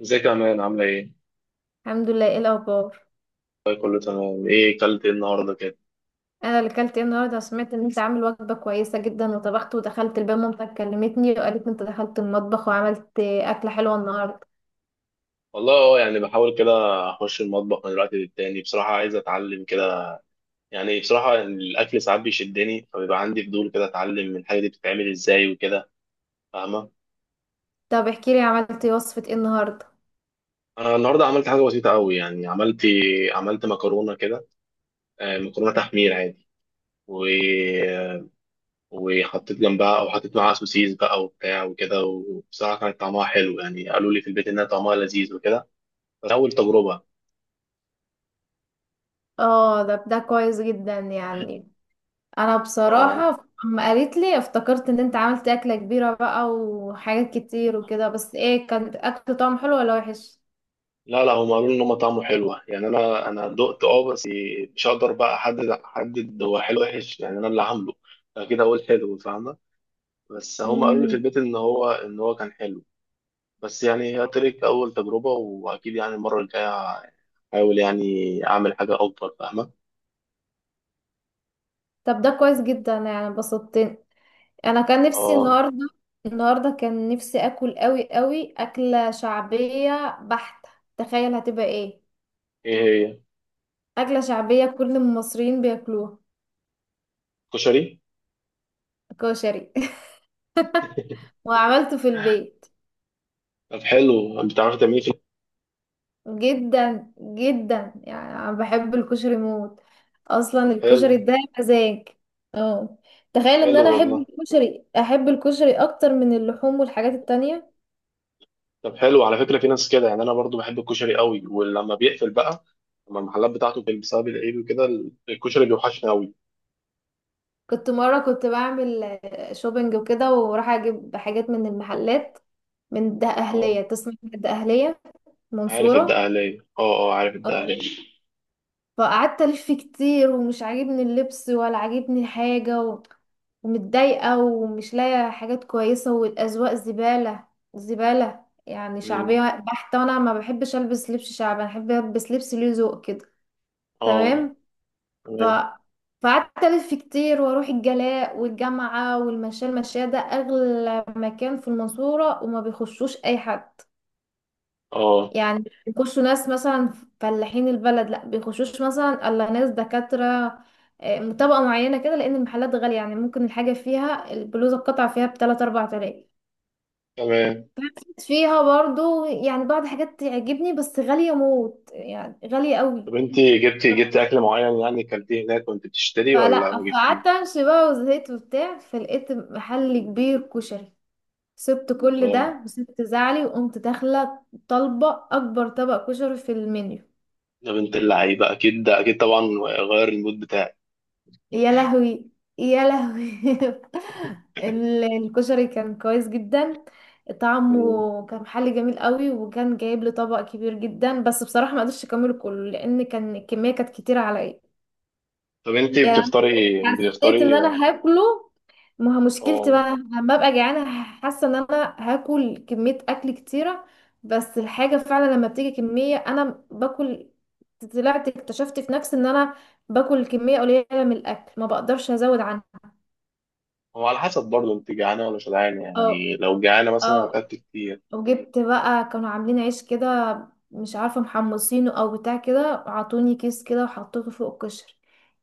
ازيك يا مان، عاملة ايه؟ الحمد لله، ايه الاخبار؟ طيب، كله تمام. ايه كلت ايه النهاردة كده؟ انا اللي كلت ايه النهارده. سمعت ان انت عامل وجبه كويسه جدا وطبخت ودخلت البيت. مامتك كلمتني وقالت ان انت دخلت المطبخ وعملت اكله حلوه النهارده. والله، يعني بحاول كده. اخش المطبخ من الوقت للتاني، بصراحة عايز اتعلم كده. يعني بصراحة، يعني الاكل ساعات بيشدني فبيبقى عندي فضول كده اتعلم الحاجة دي بتتعمل ازاي وكده. فاهمة؟ طب احكي لي عملت إيه، وصفه ايه النهارده؟ انا النهاردة عملت حاجة بسيطة قوي، يعني عملت مكرونة كده. مكرونة تحمير عادي. و... وحطيت جنبها، او حطيت معاها سوسيس بقى وبتاع وكده. وبصراحة كانت طعمها حلو، يعني قالوا لي في البيت انها طعمها لذيذ وكده. بس اول تجربة. اه، ده كويس جدا يعني. انا اه بصراحه اما قالت لي افتكرت ان انت عملت اكله كبيره بقى وحاجات كتير وكده، بس ايه، كانت اكل طعم حلو ولا وحش؟ لا، لا، هم قالوا لي ان هم طعمه حلوه، يعني انا دقت، بس مش هقدر بقى احدد هو حلو وحش، يعني انا اللي عامله. فكده اقول حلو، فاهمه؟ بس هم قالوا لي في امم. البيت ان هو كان حلو. بس يعني هي تريك اول تجربه، واكيد يعني المره الجايه احاول يعني اعمل حاجه افضل. فاهمه؟ طب ده كويس جدا يعني، انبسطت. انا كان نفسي اه. النهارده. النهارده كان نفسي اكل قوي قوي اكله شعبيه بحته. تخيل هتبقى ايه؟ ايه هي؟ اكله شعبيه كل المصريين بياكلوها. كشري. كشري. وعملته في البيت. طب حلو، انت بتعرفي تعمليه في؟ جدا جدا يعني انا بحب الكشري موت. اصلا طب حلو. الكشري ده مزاج. اه. تخيل ان حلو انا احب والله. الكشري، احب الكشري اكتر من اللحوم والحاجات التانية. طب حلو، على فكرة في ناس كده، يعني أنا برضو بحب الكشري قوي، ولما بيقفل بقى، لما المحلات بتاعته بتقفل بسبب العيد وكده، الكشري بيوحشني قوي. كنت مرة كنت بعمل شوبينج وكده، وراح اجيب حاجات من المحلات. من ده اه، أهلية، تسمع من ده أهلية؟ عارف منصورة. الدقهلية. اه، اه، عارف اه. الدقهلية. فقعدت ألف كتير ومش عاجبني اللبس ولا عاجبني حاجة، ومتضايقة ومش لاقية حاجات كويسة والأذواق زبالة. زبالة يعني مم. شعبية بحتة. وأنا ما بحبش ألبس لبس شعبي، أنا بحب ألبس لبس ليه ذوق كده. اه، تمام. ف تمام. فقعدت ألف كتير وأروح الجلاء والجامعة والمشاة. المشاة ده أغلى مكان في المنصورة، وما بيخشوش أي حد. اه، يعني مش بيخشوا ناس مثلا فلاحين البلد، لا بيخشوش مثلا الا ناس دكاترة. طبقة معينة كده، لأن المحلات غالية. يعني ممكن الحاجة فيها، البلوزة القطعة فيها بـ3 أو 4 تلاف. تمام. فيها برضو يعني بعض حاجات تعجبني بس غالية موت، يعني غالية قوي. طب أنت جبتي أكل معين، يعني أكلتيه هناك وأنت بتشتري، ولا ما جبتيه؟ فقعدت امشي بقى وزهقت وبتاع، فلقيت محل كبير كشري. سبت كل اه، ده وسبت زعلي وقمت داخلة طالبة أكبر طبق كشري في المنيو. ده بنت اللعيبة أكيد، ده أكيد طبعا. غير المود بتاعك. يا لهوي، يا لهوي. الكشري كان كويس جدا. مم. طعمه كان محل جميل قوي، وكان جايب لي طبق كبير جدا، بس بصراحة ما قدرتش اكمله كله لان كان الكمية كانت كتيرة عليا. طب أنت يعني بتفطري أنا حسيت ان بتفطري انا هاكله. ما هو مشكلتي اه، بقى لما ابقى جعانه حاسه ان انا هاكل كميه اكل كتيره، بس الحاجه فعلا لما بتيجي كميه انا باكل. طلعت اكتشفت في نفسي ان انا باكل كميه قليله من الاكل ما بقدرش ازود عنها. هو على حسب برضه، انت جعانه ولا شبعانه؟ اه، يعني لو جعانه مثلا اه. هتاكل كتير. وجبت بقى، كانوا عاملين عيش كده، مش عارفه محمصينه او بتاع كده، عطوني كيس كده وحطيته فوق الكشري.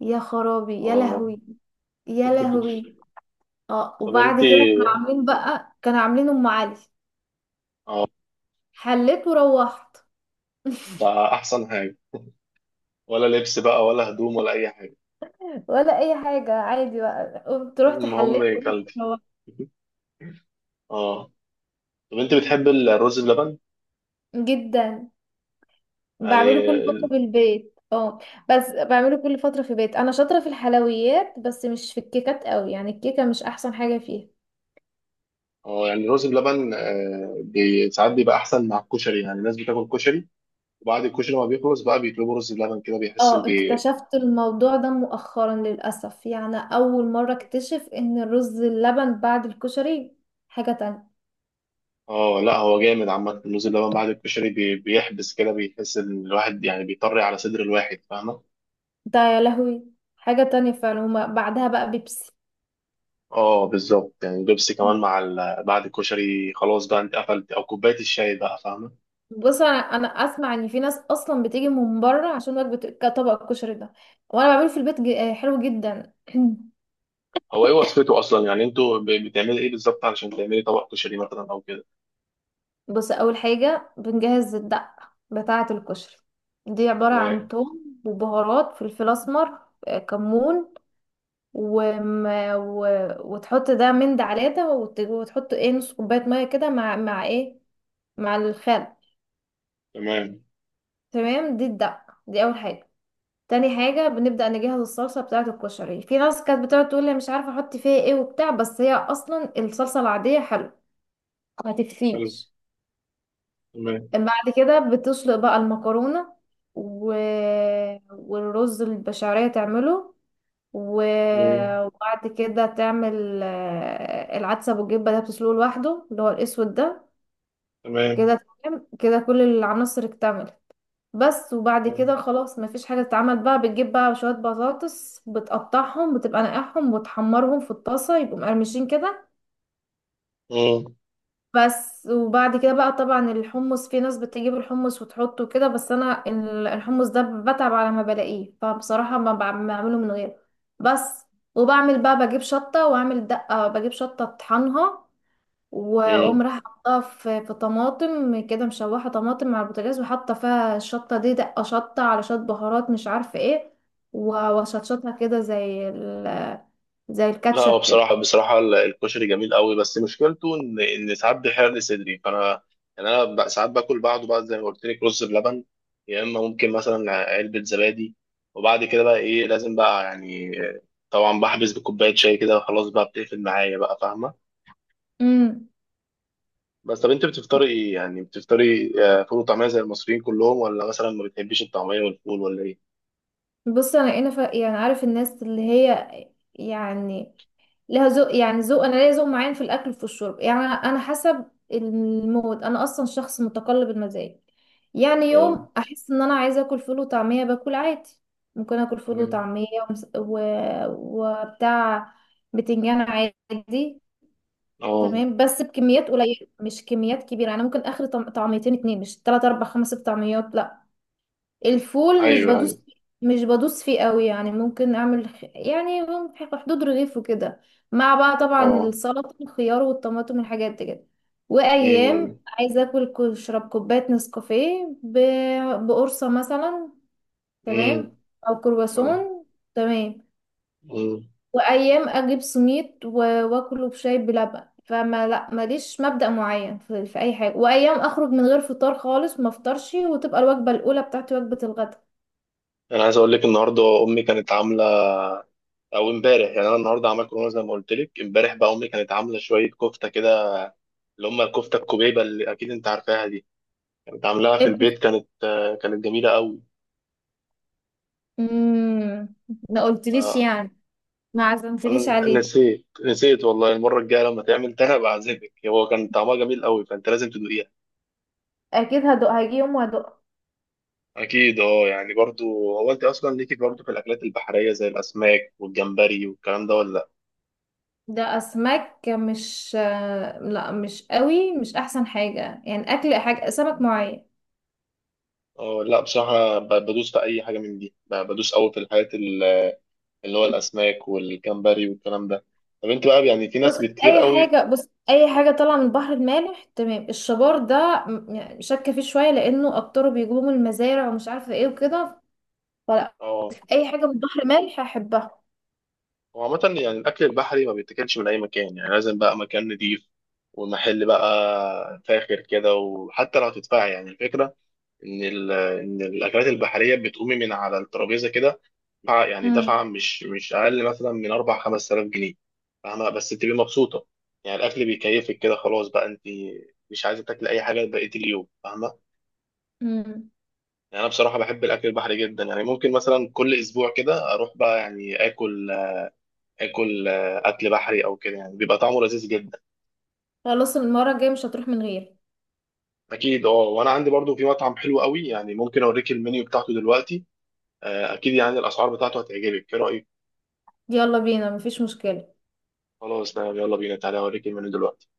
يا خرابي، يا اه. لهوي، يا لهوي. اه، طب وبعد انت. كده كانوا عاملين بقى، كانوا عاملين ام علي. اه. حليت وروحت. ده احسن حاجه. ولا لبس بقى، ولا هدوم، ولا اي حاجه. ولا اي حاجه، عادي بقى، قمت روحت، حليت المهم وقمت كلتي. روحت. اه. طب انت بتحب الرز بلبن؟ جدا. بعمله يعني كل فتره ال- في البيت، اه. بس بعمله كل فتره في البيت. انا شاطره في الحلويات بس مش في الكيكات قوي، يعني الكيكه مش احسن حاجه فيها. اه يعني الرز بلبن ساعات بيبقى احسن مع الكشري، يعني الناس بتاكل كشري، وبعد الكشري ما بيخلص بقى بيطلبوا رز بلبن كده، بيحس اه، بي. اكتشفت الموضوع ده مؤخرا للاسف. يعني اول مره اكتشف ان الرز اللبن بعد الكشري حاجه تانية. اه، لا، هو جامد عامه الرز بلبن بعد الكشري بيحبس كده، بيحس ان الواحد يعني بيطري على صدر الواحد. فاهمه؟ ده يا لهوي. حاجة تانية فعلا هما بعدها بقى بيبسي. اه بالظبط، يعني بيبسي كمان مم. مع بعد الكشري خلاص بقى. انت قفلت، او كوبايه الشاي بقى. فاهمه؟ بص، انا اسمع ان في ناس اصلا بتيجي من بره عشان وجبة كطبق الكشري ده. وانا بعمله في البيت. حلو جدا. هو ايه وصفته اصلا، يعني انتوا بتعملي ايه بالظبط علشان تعملي طبق كشري مثلا او كده؟ بص، اول حاجة بنجهز الدقة بتاعة الكشري. دي عبارة تمام. عن توم وبهارات فلفل اسمر، كمون، وم... و... وتحط ده من ده على ده، وتحط ايه نص كوباية مية كده مع ايه، مع الخل. تمام. تمام، دي الدقة، دي اول حاجة. تاني حاجة بنبدأ نجهز الصلصة بتاعة الكشري. في ناس كانت بتقعد تقول لي مش عارفة احط فيها ايه وبتاع، بس هي اصلا الصلصة العادية حلوة، ما حلو. تكفيش. تمام. بعد كده بتسلق بقى المكرونة، و... والرز البشعرية تعمله، و... مم. وبعد كده تعمل العدسة بالجبة ده، بتسلقه لوحده، اللي هو الأسود ده. تمام. كده تمام، كده كل العناصر اكتملت. بس وبعد مم. كده خلاص مفيش حاجة تتعمل بقى. بتجيب بقى شوية بطاطس، بتقطعهم، بتبقى نقعهم وتحمرهم في الطاسة يبقوا مقرمشين كده. بس وبعد كده بقى طبعا الحمص، في ناس بتجيب الحمص وتحطه كده، بس انا الحمص ده بتعب على ما بلاقيه فبصراحة ما بع- بعمله من غيره بس. وبعمل بقى، بجيب شطة واعمل دقة، بجيب شطة اطحنها واقوم مم. راح حطها في طماطم كده مشوحه، طماطم على البوتاجاز، وحاطه فيها الشطه دي، دقه شطه على شويه بهارات مش عارفه ايه. واشطشطها كده زي زي لا، هو الكاتشب كده. بصراحة بصراحة الكشري جميل قوي، بس مشكلته ان ساعات بيحرق لي صدري، فانا يعني انا ساعات باكل بعده بقى، زي ما قلت لك، رز بلبن، يا اما ممكن مثلا علبة زبادي. وبعد كده بقى ايه لازم بقى، يعني طبعا بحبس بكوباية شاي كده، وخلاص بقى بتقفل معايا بقى. فاهمة؟ امم. بس، طب انت بتفطري ايه؟ يعني بتفطري فول وطعمية زي المصريين كلهم، ولا مثلا ما بتحبيش الطعمية والفول، ولا ايه؟ بص، انا يعني عارف الناس اللي هي يعني لها ذوق، يعني ذوق، انا ليا ذوق معين في الاكل وفي الشرب. يعني انا حسب المود. انا اصلا شخص متقلب المزاج. يعني اه، يوم احس ان انا عايزه اكل فول وطعميه باكل عادي. ممكن اكل فول تمام. وطعميه وبتاع، بتنجان عادي. اه. تمام، بس بكميات قليله مش كميات كبيره. انا ممكن اخر طعميتين اتنين، مش تلات اربع خمس طعميات لا. الفول مش ايوه، ايوه. بدوس مش بدوس فيه قوي. يعني ممكن اعمل يعني في حدود رغيف وكده، مع بقى طبعا اه. السلطه والخيار والطماطم والحاجات دي كده. وايام امم. عايزه اكل اشرب كوبايه نسكافيه بقرصه مثلا. امم. تمام. او كرواسون. تمام. تمام. وايام اجيب سميت واكله بشاي بلبن، فما لا ماليش مبدأ معين في اي حاجه. وايام اخرج من غير فطار خالص ما افطرش وتبقى الوجبه الاولى بتاعتي وجبه الغداء. انا عايز اقول لك النهارده امي كانت عامله، او امبارح، يعني انا النهارده عملت كورونا زي ما قلت لك. امبارح بقى امي كانت عامله شويه كفته كده، اللي هم الكفته الكوبيبه اللي اكيد انت عارفاها دي، كانت عاملاها في البيت. كانت كانت جميله قوي. امم. ما قلتليش آه، يعني، ما عزمتنيش انا عليه. نسيت والله. المره الجايه لما تعمل تاني ابقى اعزمك. هو كان طعمها جميل قوي، فانت لازم تدوقيها. اكيد هدوق، هيجي يوم وهدوق. اكيد، اه، يعني برضو. هو انت اصلا ليكي برضو في الاكلات البحريه زي الاسماك والجمبري والكلام ده، ولا لا؟ ده اسماك مش لا مش قوي، مش احسن حاجه. يعني اكل حاجه سمك معين. اه، لا بصراحه بدوس في اي حاجه من دي. بدوس قوي في الحاجات اللي هو الاسماك والجمبري والكلام ده. طب انت بقى يعني في بص، ناس كتير اي قوي. حاجه، طالعه من البحر المالح تمام. الشبار ده، يعني شاكه فيه شويه لانه اكتره بيجيبوه من المزارع ومش عارفه ايه وكده. فلا اه، اي حاجه من البحر المالح احبها. هو عامه يعني الاكل البحري ما بيتاكلش من اي مكان، يعني لازم بقى مكان نضيف ومحل بقى فاخر كده، وحتى لو هتدفعي. يعني الفكره ان الاكلات البحريه بتقومي من على الترابيزه كده، يعني دفعه امم. مش اقل مثلا من 4 5000 جنيه. فاهمه؟ بس تبقي مبسوطه، يعني الاكل بيكيفك كده، خلاص بقى انت مش عايزه تاكلي اي حاجه بقيه اليوم. فاهمه؟ امم. يعني انا بصراحه بحب الاكل البحري جدا، يعني ممكن مثلا كل اسبوع كده اروح بقى يعني اكل اكل بحري او كده، يعني بيبقى طعمه لذيذ جدا. خلاص المره الجايه مش هتروح من غير. اكيد، اه. وانا عندي برضو في مطعم حلو قوي، يعني ممكن اوريك المنيو بتاعته دلوقتي. اكيد يعني الاسعار بتاعته هتعجبك. ايه رايك؟ يلا بينا، مفيش مشكله. خلاص تمام، يلا بينا. تعالى اوريك المنيو دلوقتي.